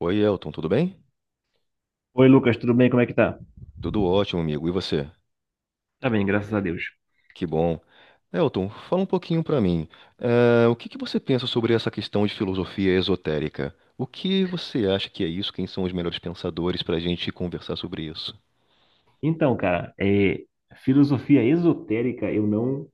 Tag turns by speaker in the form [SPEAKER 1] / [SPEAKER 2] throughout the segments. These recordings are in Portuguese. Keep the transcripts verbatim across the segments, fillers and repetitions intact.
[SPEAKER 1] Oi, Elton, tudo bem?
[SPEAKER 2] Oi, Lucas, tudo bem? Como é que tá?
[SPEAKER 1] Tudo ótimo, amigo. E você?
[SPEAKER 2] Tá bem, graças a Deus.
[SPEAKER 1] Que bom. Elton, fala um pouquinho pra mim. Eh, o que que você pensa sobre essa questão de filosofia esotérica? O que você acha que é isso? Quem são os melhores pensadores pra gente conversar sobre isso?
[SPEAKER 2] Então, cara, é, filosofia esotérica, eu não,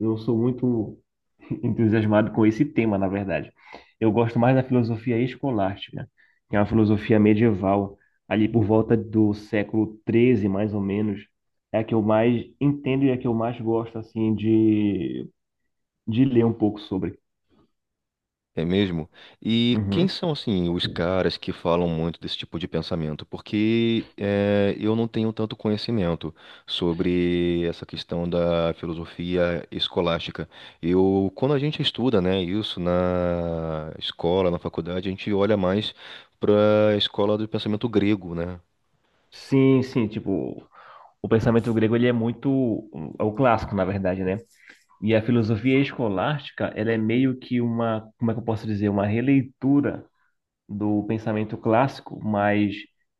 [SPEAKER 2] não sou muito entusiasmado com esse tema, na verdade. Eu gosto mais da filosofia escolástica, que é uma filosofia medieval, ali por volta do século treze, mais ou menos. É a que eu mais entendo e é a que eu mais gosto, assim, de, de ler um pouco sobre.
[SPEAKER 1] É mesmo? E quem
[SPEAKER 2] Uhum.
[SPEAKER 1] são, assim, os caras que falam muito desse tipo de pensamento? Porque eh, eu não tenho tanto conhecimento sobre essa questão da filosofia escolástica. Eu, quando a gente estuda, né, isso na escola, na faculdade, a gente olha mais para a escola do pensamento grego, né?
[SPEAKER 2] Sim, sim, tipo, o pensamento grego ele é muito é o clássico, na verdade, né? E a filosofia escolástica, ela é meio que uma, como é que eu posso dizer, uma releitura do pensamento clássico, mas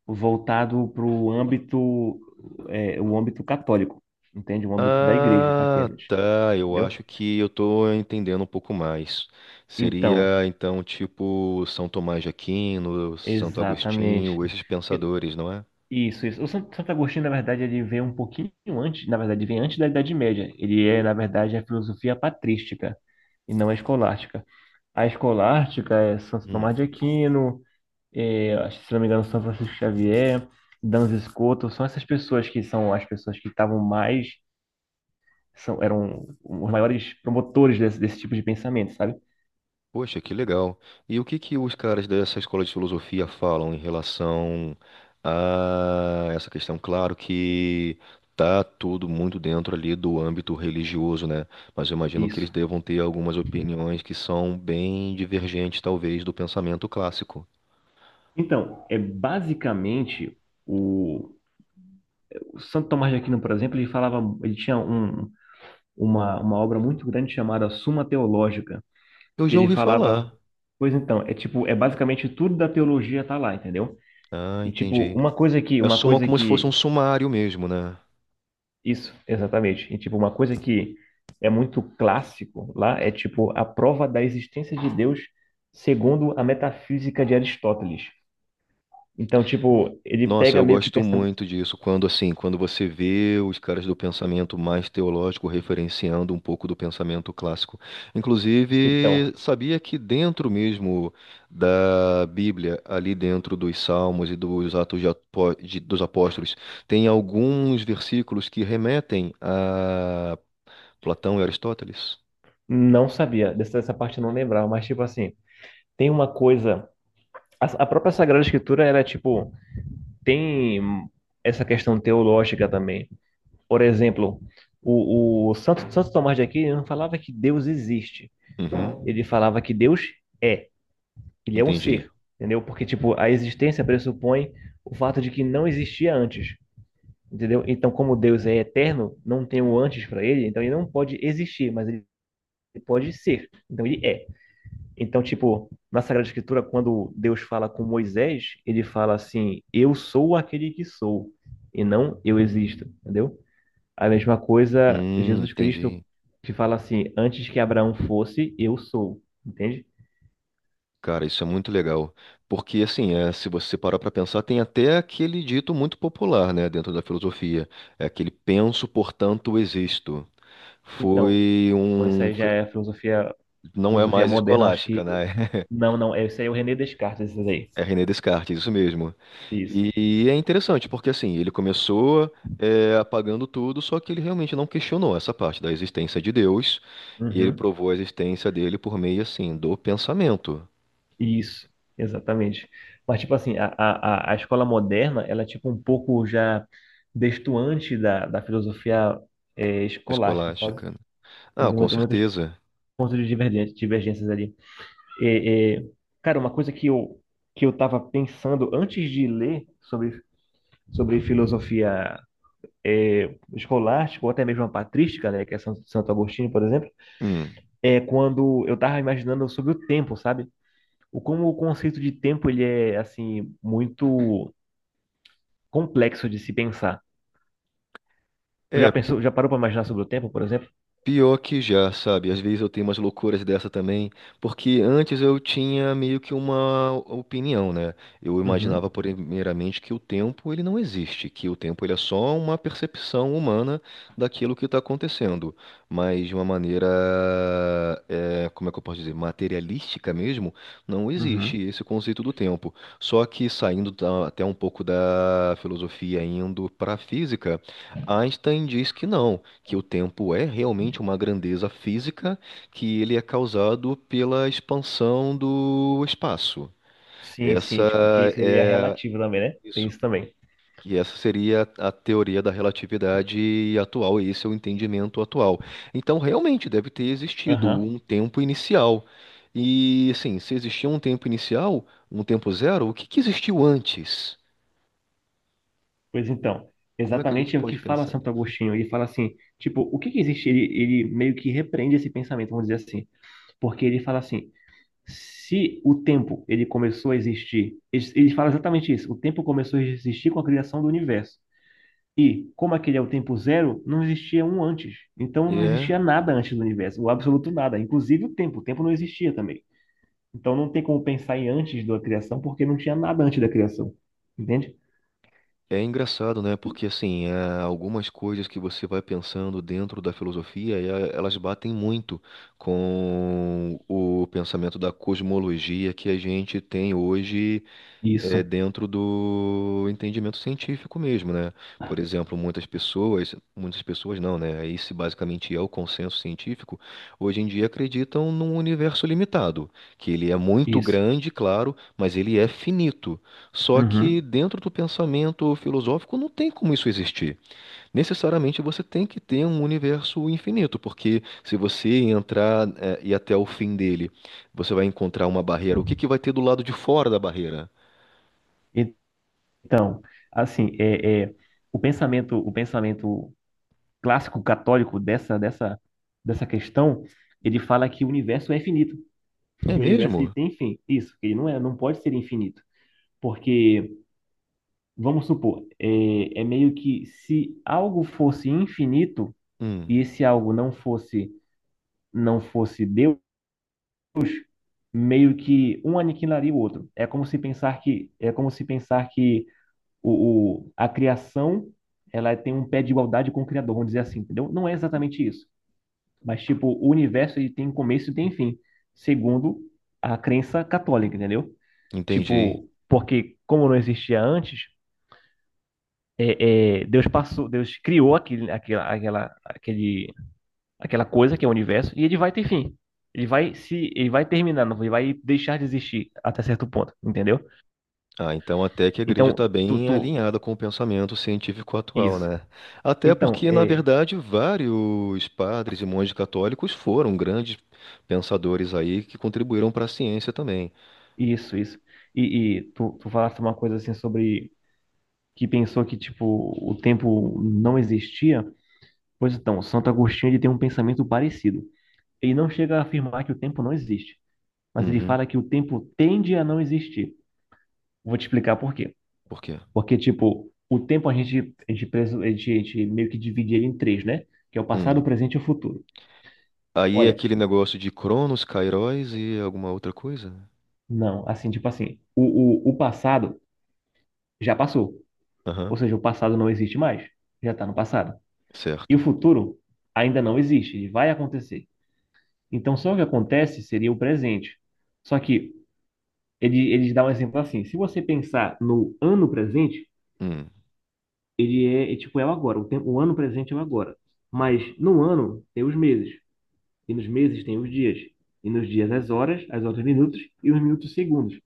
[SPEAKER 2] voltado para o âmbito, é, o âmbito católico, entende? O âmbito da igreja
[SPEAKER 1] Ah,
[SPEAKER 2] apenas,
[SPEAKER 1] tá. Eu
[SPEAKER 2] entendeu?
[SPEAKER 1] acho que eu tô entendendo um pouco mais.
[SPEAKER 2] Então,
[SPEAKER 1] Seria então tipo São Tomás de Aquino, Santo
[SPEAKER 2] exatamente.
[SPEAKER 1] Agostinho, esses
[SPEAKER 2] E-
[SPEAKER 1] pensadores, não é?
[SPEAKER 2] Isso, isso. O San- Santo Agostinho, na verdade, ele veio um pouquinho antes, na verdade, vem antes da Idade Média. Ele é, na verdade, a filosofia patrística e não a escolástica. A escolástica é Santo Tomás
[SPEAKER 1] Hum.
[SPEAKER 2] de Aquino, é, acho que, se não me engano, São Francisco Xavier, Danza Escoto, são essas pessoas que são as pessoas que estavam mais, são, eram os maiores promotores desse, desse tipo de pensamento, sabe?
[SPEAKER 1] Poxa, que legal. E o que que os caras dessa escola de filosofia falam em relação a essa questão? Claro que tá tudo muito dentro ali do âmbito religioso, né? Mas eu imagino que eles
[SPEAKER 2] Isso.
[SPEAKER 1] devam ter algumas opiniões que são bem divergentes, talvez, do pensamento clássico.
[SPEAKER 2] Então, é basicamente o, o Santo Tomás de Aquino, por exemplo, ele falava, ele tinha um, uma, uma obra muito grande chamada Suma Teológica,
[SPEAKER 1] Eu
[SPEAKER 2] que
[SPEAKER 1] já
[SPEAKER 2] ele
[SPEAKER 1] ouvi
[SPEAKER 2] falava.
[SPEAKER 1] falar.
[SPEAKER 2] Pois então, é tipo, é basicamente tudo da teologia tá lá, entendeu?
[SPEAKER 1] Ah,
[SPEAKER 2] E tipo,
[SPEAKER 1] entendi.
[SPEAKER 2] uma coisa que,
[SPEAKER 1] É
[SPEAKER 2] uma
[SPEAKER 1] soma
[SPEAKER 2] coisa
[SPEAKER 1] como se fosse um
[SPEAKER 2] que
[SPEAKER 1] sumário mesmo, né?
[SPEAKER 2] Isso, exatamente. E tipo, uma coisa que é muito clássico lá é tipo a prova da existência de Deus segundo a metafísica de Aristóteles. Então, tipo, ele
[SPEAKER 1] Nossa,
[SPEAKER 2] pega
[SPEAKER 1] eu
[SPEAKER 2] meio que o
[SPEAKER 1] gosto
[SPEAKER 2] pensamento.
[SPEAKER 1] muito disso, quando assim, quando você vê os caras do pensamento mais teológico referenciando um pouco do pensamento clássico.
[SPEAKER 2] Então,
[SPEAKER 1] Inclusive, sabia que dentro mesmo da Bíblia, ali dentro dos Salmos e dos Atos de Apó- de- dos Apóstolos, tem alguns versículos que remetem a Platão e Aristóteles?
[SPEAKER 2] não sabia, dessa, dessa parte eu não lembrava, mas tipo assim, tem uma coisa. A, a própria Sagrada Escritura, ela é tipo, tem essa questão teológica também. Por exemplo, o, o Santo, Santo Tomás de Aquino não falava que Deus existe,
[SPEAKER 1] Uhum,
[SPEAKER 2] ele falava que Deus é. Ele é um
[SPEAKER 1] entendi.
[SPEAKER 2] ser, entendeu? Porque, tipo, a existência pressupõe o fato de que não existia antes, entendeu? Então, como Deus é eterno, não tem o antes para ele, então ele não pode existir, mas ele pode ser. Então, ele é. Então, tipo, na Sagrada Escritura, quando Deus fala com Moisés, ele fala assim: Eu sou aquele que sou, e não eu existo, entendeu? A mesma coisa,
[SPEAKER 1] Hum,
[SPEAKER 2] Jesus Cristo,
[SPEAKER 1] entendi.
[SPEAKER 2] que fala assim: Antes que Abraão fosse, eu sou, entende?
[SPEAKER 1] Cara, isso é muito legal. Porque, assim, é, se você parar para pensar, tem até aquele dito muito popular, né, dentro da filosofia. É aquele penso, portanto, existo.
[SPEAKER 2] Então,
[SPEAKER 1] Foi
[SPEAKER 2] isso
[SPEAKER 1] um.
[SPEAKER 2] aí já é a filosofia.
[SPEAKER 1] Não é
[SPEAKER 2] Filosofia
[SPEAKER 1] mais
[SPEAKER 2] moderna, acho
[SPEAKER 1] escolástica,
[SPEAKER 2] que.
[SPEAKER 1] né?
[SPEAKER 2] Não, não, esse aí é o René Descartes, esse aí.
[SPEAKER 1] É René Descartes, isso mesmo.
[SPEAKER 2] Isso.
[SPEAKER 1] E é interessante, porque, assim, ele começou. É, apagando tudo, só que ele realmente não questionou essa parte da existência de Deus, e ele
[SPEAKER 2] Uhum.
[SPEAKER 1] provou a existência dele por meio, assim, do pensamento
[SPEAKER 2] Isso, exatamente. Mas, tipo assim, a, a, a a escola moderna, ela é, tipo, um pouco já destoante da, da filosofia eh, escolástica, sabe?
[SPEAKER 1] escolástica.
[SPEAKER 2] Tem
[SPEAKER 1] Ah, com
[SPEAKER 2] muitas, muitos
[SPEAKER 1] certeza.
[SPEAKER 2] pontos de divergência, divergências ali. É, é, cara, uma coisa que eu, que eu tava pensando antes de ler sobre, sobre filosofia eh, escolástica, ou até mesmo a patrística, né, que é San- Santo Agostinho, por exemplo,
[SPEAKER 1] Hum.
[SPEAKER 2] é quando eu tava imaginando sobre o tempo, sabe? O como o conceito de tempo ele é assim muito complexo de se pensar. Tu já
[SPEAKER 1] É,
[SPEAKER 2] pensou, já parou para imaginar sobre o tempo, por exemplo?
[SPEAKER 1] Pior que já, sabe? Às vezes eu tenho umas loucuras dessa também, porque antes eu tinha meio que uma opinião, né? Eu imaginava
[SPEAKER 2] Uhum,
[SPEAKER 1] primeiramente que o tempo ele não existe, que o tempo ele é só uma percepção humana daquilo que está acontecendo, mas de uma maneira, é, como é que eu posso dizer, materialística mesmo, não existe
[SPEAKER 2] uhum.
[SPEAKER 1] esse conceito do tempo. Só que saindo da- até um pouco da filosofia, indo para a física, Einstein diz que não que o tempo é realmente uma grandeza física, que ele é causado pela expansão do espaço.
[SPEAKER 2] Sim, sim,
[SPEAKER 1] Essa
[SPEAKER 2] tipo que seria
[SPEAKER 1] é
[SPEAKER 2] relativo também, né? Tem
[SPEAKER 1] isso,
[SPEAKER 2] isso também.
[SPEAKER 1] que essa seria a teoria da relatividade atual, e esse é o entendimento atual. Então, realmente deve ter existido
[SPEAKER 2] Aham.
[SPEAKER 1] um tempo inicial. E assim, se existiu um tempo inicial, um tempo zero, o que que existiu antes?
[SPEAKER 2] Pois então,
[SPEAKER 1] Como é que a gente
[SPEAKER 2] exatamente é o que
[SPEAKER 1] pode
[SPEAKER 2] fala
[SPEAKER 1] pensar
[SPEAKER 2] Santo
[SPEAKER 1] nisso?
[SPEAKER 2] Agostinho. Ele fala assim, tipo, o que que existe? Ele, ele meio que repreende esse pensamento, vamos dizer assim, porque ele fala assim, se o tempo ele começou a existir, ele ele fala exatamente isso, o tempo começou a existir com a criação do universo. E como aquele é o tempo zero, não existia um antes. Então não
[SPEAKER 1] É.
[SPEAKER 2] existia nada antes do universo, o absoluto nada, inclusive o tempo, o tempo não existia também. Então não tem como pensar em antes da criação porque não tinha nada antes da criação. Entende?
[SPEAKER 1] É engraçado, né? Porque assim, é, algumas coisas que você vai pensando dentro da filosofia, e a- elas batem muito com o pensamento da cosmologia que a gente tem hoje é,
[SPEAKER 2] Isso,
[SPEAKER 1] dentro do entendimento científico mesmo, né? Por exemplo, muitas pessoas, muitas pessoas não, né? Esse basicamente é o consenso científico, hoje em dia acreditam num universo limitado, que ele é muito
[SPEAKER 2] isso.
[SPEAKER 1] grande, claro, mas ele é finito. Só que
[SPEAKER 2] Uhum.
[SPEAKER 1] dentro do pensamento filosófico não tem como isso existir. Necessariamente você tem que ter um universo infinito, porque se você entrar, é, e até o fim dele, você vai encontrar uma barreira. O que que vai ter do lado de fora da barreira?
[SPEAKER 2] Então, assim, é, é, o pensamento, o pensamento clássico católico dessa, dessa, dessa questão, ele fala que o universo é infinito,
[SPEAKER 1] É
[SPEAKER 2] que o universo ele
[SPEAKER 1] mesmo?
[SPEAKER 2] tem fim. Isso, que ele não é, não pode ser infinito. Porque, vamos supor, é, é meio que se algo fosse infinito e
[SPEAKER 1] Hum,
[SPEAKER 2] esse algo não fosse, não fosse Deus, meio que um aniquilaria o outro. É como se pensar que, é como se pensar que o, o, a criação ela tem um pé de igualdade com o Criador, vamos dizer assim, entendeu? Não é exatamente isso. Mas, tipo, o universo ele tem começo e tem fim, segundo a crença católica, entendeu?
[SPEAKER 1] entendi.
[SPEAKER 2] Tipo, porque como não existia antes, é, Deus passou, Deus criou aquele, aquela, aquela, aquele, aquela coisa que é o universo e ele vai ter fim. Ele vai se, ele vai terminar, não- ele vai deixar de existir até certo ponto, entendeu?
[SPEAKER 1] Ah, então até que a igreja
[SPEAKER 2] Então,
[SPEAKER 1] está
[SPEAKER 2] tu,
[SPEAKER 1] bem
[SPEAKER 2] tu,
[SPEAKER 1] alinhada com o pensamento científico atual,
[SPEAKER 2] isso.
[SPEAKER 1] né? Até
[SPEAKER 2] Então,
[SPEAKER 1] porque, na
[SPEAKER 2] é,
[SPEAKER 1] verdade, vários padres e monges católicos foram grandes pensadores aí que contribuíram para a ciência também.
[SPEAKER 2] isso, isso. E, e tu, tu falaste uma coisa assim sobre que pensou que, tipo, o tempo não existia. Pois então, Santo Agostinho ele tem um pensamento parecido. Ele não chega a afirmar que o tempo não existe, mas ele
[SPEAKER 1] Uhum.
[SPEAKER 2] fala que o tempo tende a não existir. Vou te explicar por quê.
[SPEAKER 1] Por quê?
[SPEAKER 2] Porque, tipo, o tempo a gente, a gente, preso- a gente, a gente meio que divide ele em três, né? Que é o passado, o
[SPEAKER 1] Hum.
[SPEAKER 2] presente e o futuro.
[SPEAKER 1] Aí é
[SPEAKER 2] Olha,
[SPEAKER 1] aquele negócio de Cronos, Kairos e alguma outra coisa?
[SPEAKER 2] não, assim, tipo assim, o, o, o passado já passou. Ou
[SPEAKER 1] Aham,
[SPEAKER 2] seja, o passado não existe mais. Já está no passado. E o
[SPEAKER 1] certo.
[SPEAKER 2] futuro ainda não existe, ele vai acontecer. Então, só o que acontece seria o presente. Só que Ele, ele dá um exemplo assim: se você pensar no ano presente,
[SPEAKER 1] Hum.
[SPEAKER 2] ele é, é tipo é o agora, o tempo, o ano presente é o agora. Mas no ano tem os meses, e nos meses tem os dias, e nos dias as horas, as horas os minutos e os minutos os segundos.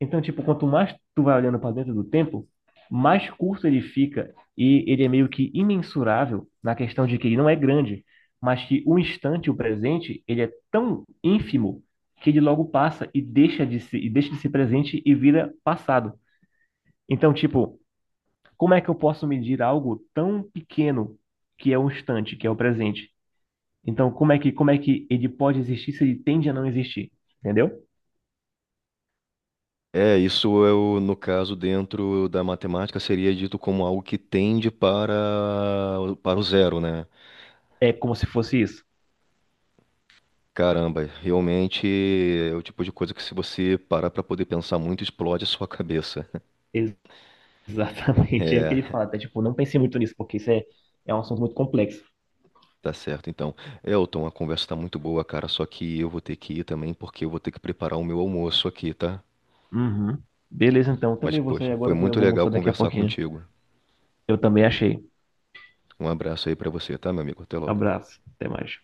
[SPEAKER 2] Então, tipo, quanto mais tu vai olhando para dentro do tempo, mais curto ele fica e ele é meio que imensurável na questão de que ele não é grande, mas que o instante, o presente, ele é tão ínfimo que ele logo passa e deixa de se, e deixa de ser presente e vira passado. Então, tipo, como é que eu posso medir algo tão pequeno que é o instante, que é o presente? Então, como é que, como é que ele pode existir se ele tende a não existir? Entendeu?
[SPEAKER 1] É, isso é o, no caso, dentro da matemática, seria dito como algo que tende para, o- para o zero, né?
[SPEAKER 2] É como se fosse isso.
[SPEAKER 1] Caramba, realmente é o tipo de coisa que se você parar para poder pensar muito, explode a sua cabeça.
[SPEAKER 2] Ex- Exatamente. É o que ele fala, tá? Tipo, não pensei muito nisso, porque isso é, é um assunto muito complexo.
[SPEAKER 1] Tá certo, então. Elton, a conversa tá muito boa, cara, só que eu vou ter que ir também, porque eu vou ter que preparar o meu almoço aqui, tá?
[SPEAKER 2] Uhum. Beleza, então.
[SPEAKER 1] Mas,
[SPEAKER 2] Também vou sair
[SPEAKER 1] poxa, foi
[SPEAKER 2] agora, que eu
[SPEAKER 1] muito
[SPEAKER 2] vou
[SPEAKER 1] legal
[SPEAKER 2] mostrar daqui a
[SPEAKER 1] conversar
[SPEAKER 2] pouquinho.
[SPEAKER 1] contigo.
[SPEAKER 2] Eu também achei.
[SPEAKER 1] Um abraço aí para você, tá, meu amigo? Até logo.
[SPEAKER 2] Abraço. Até mais.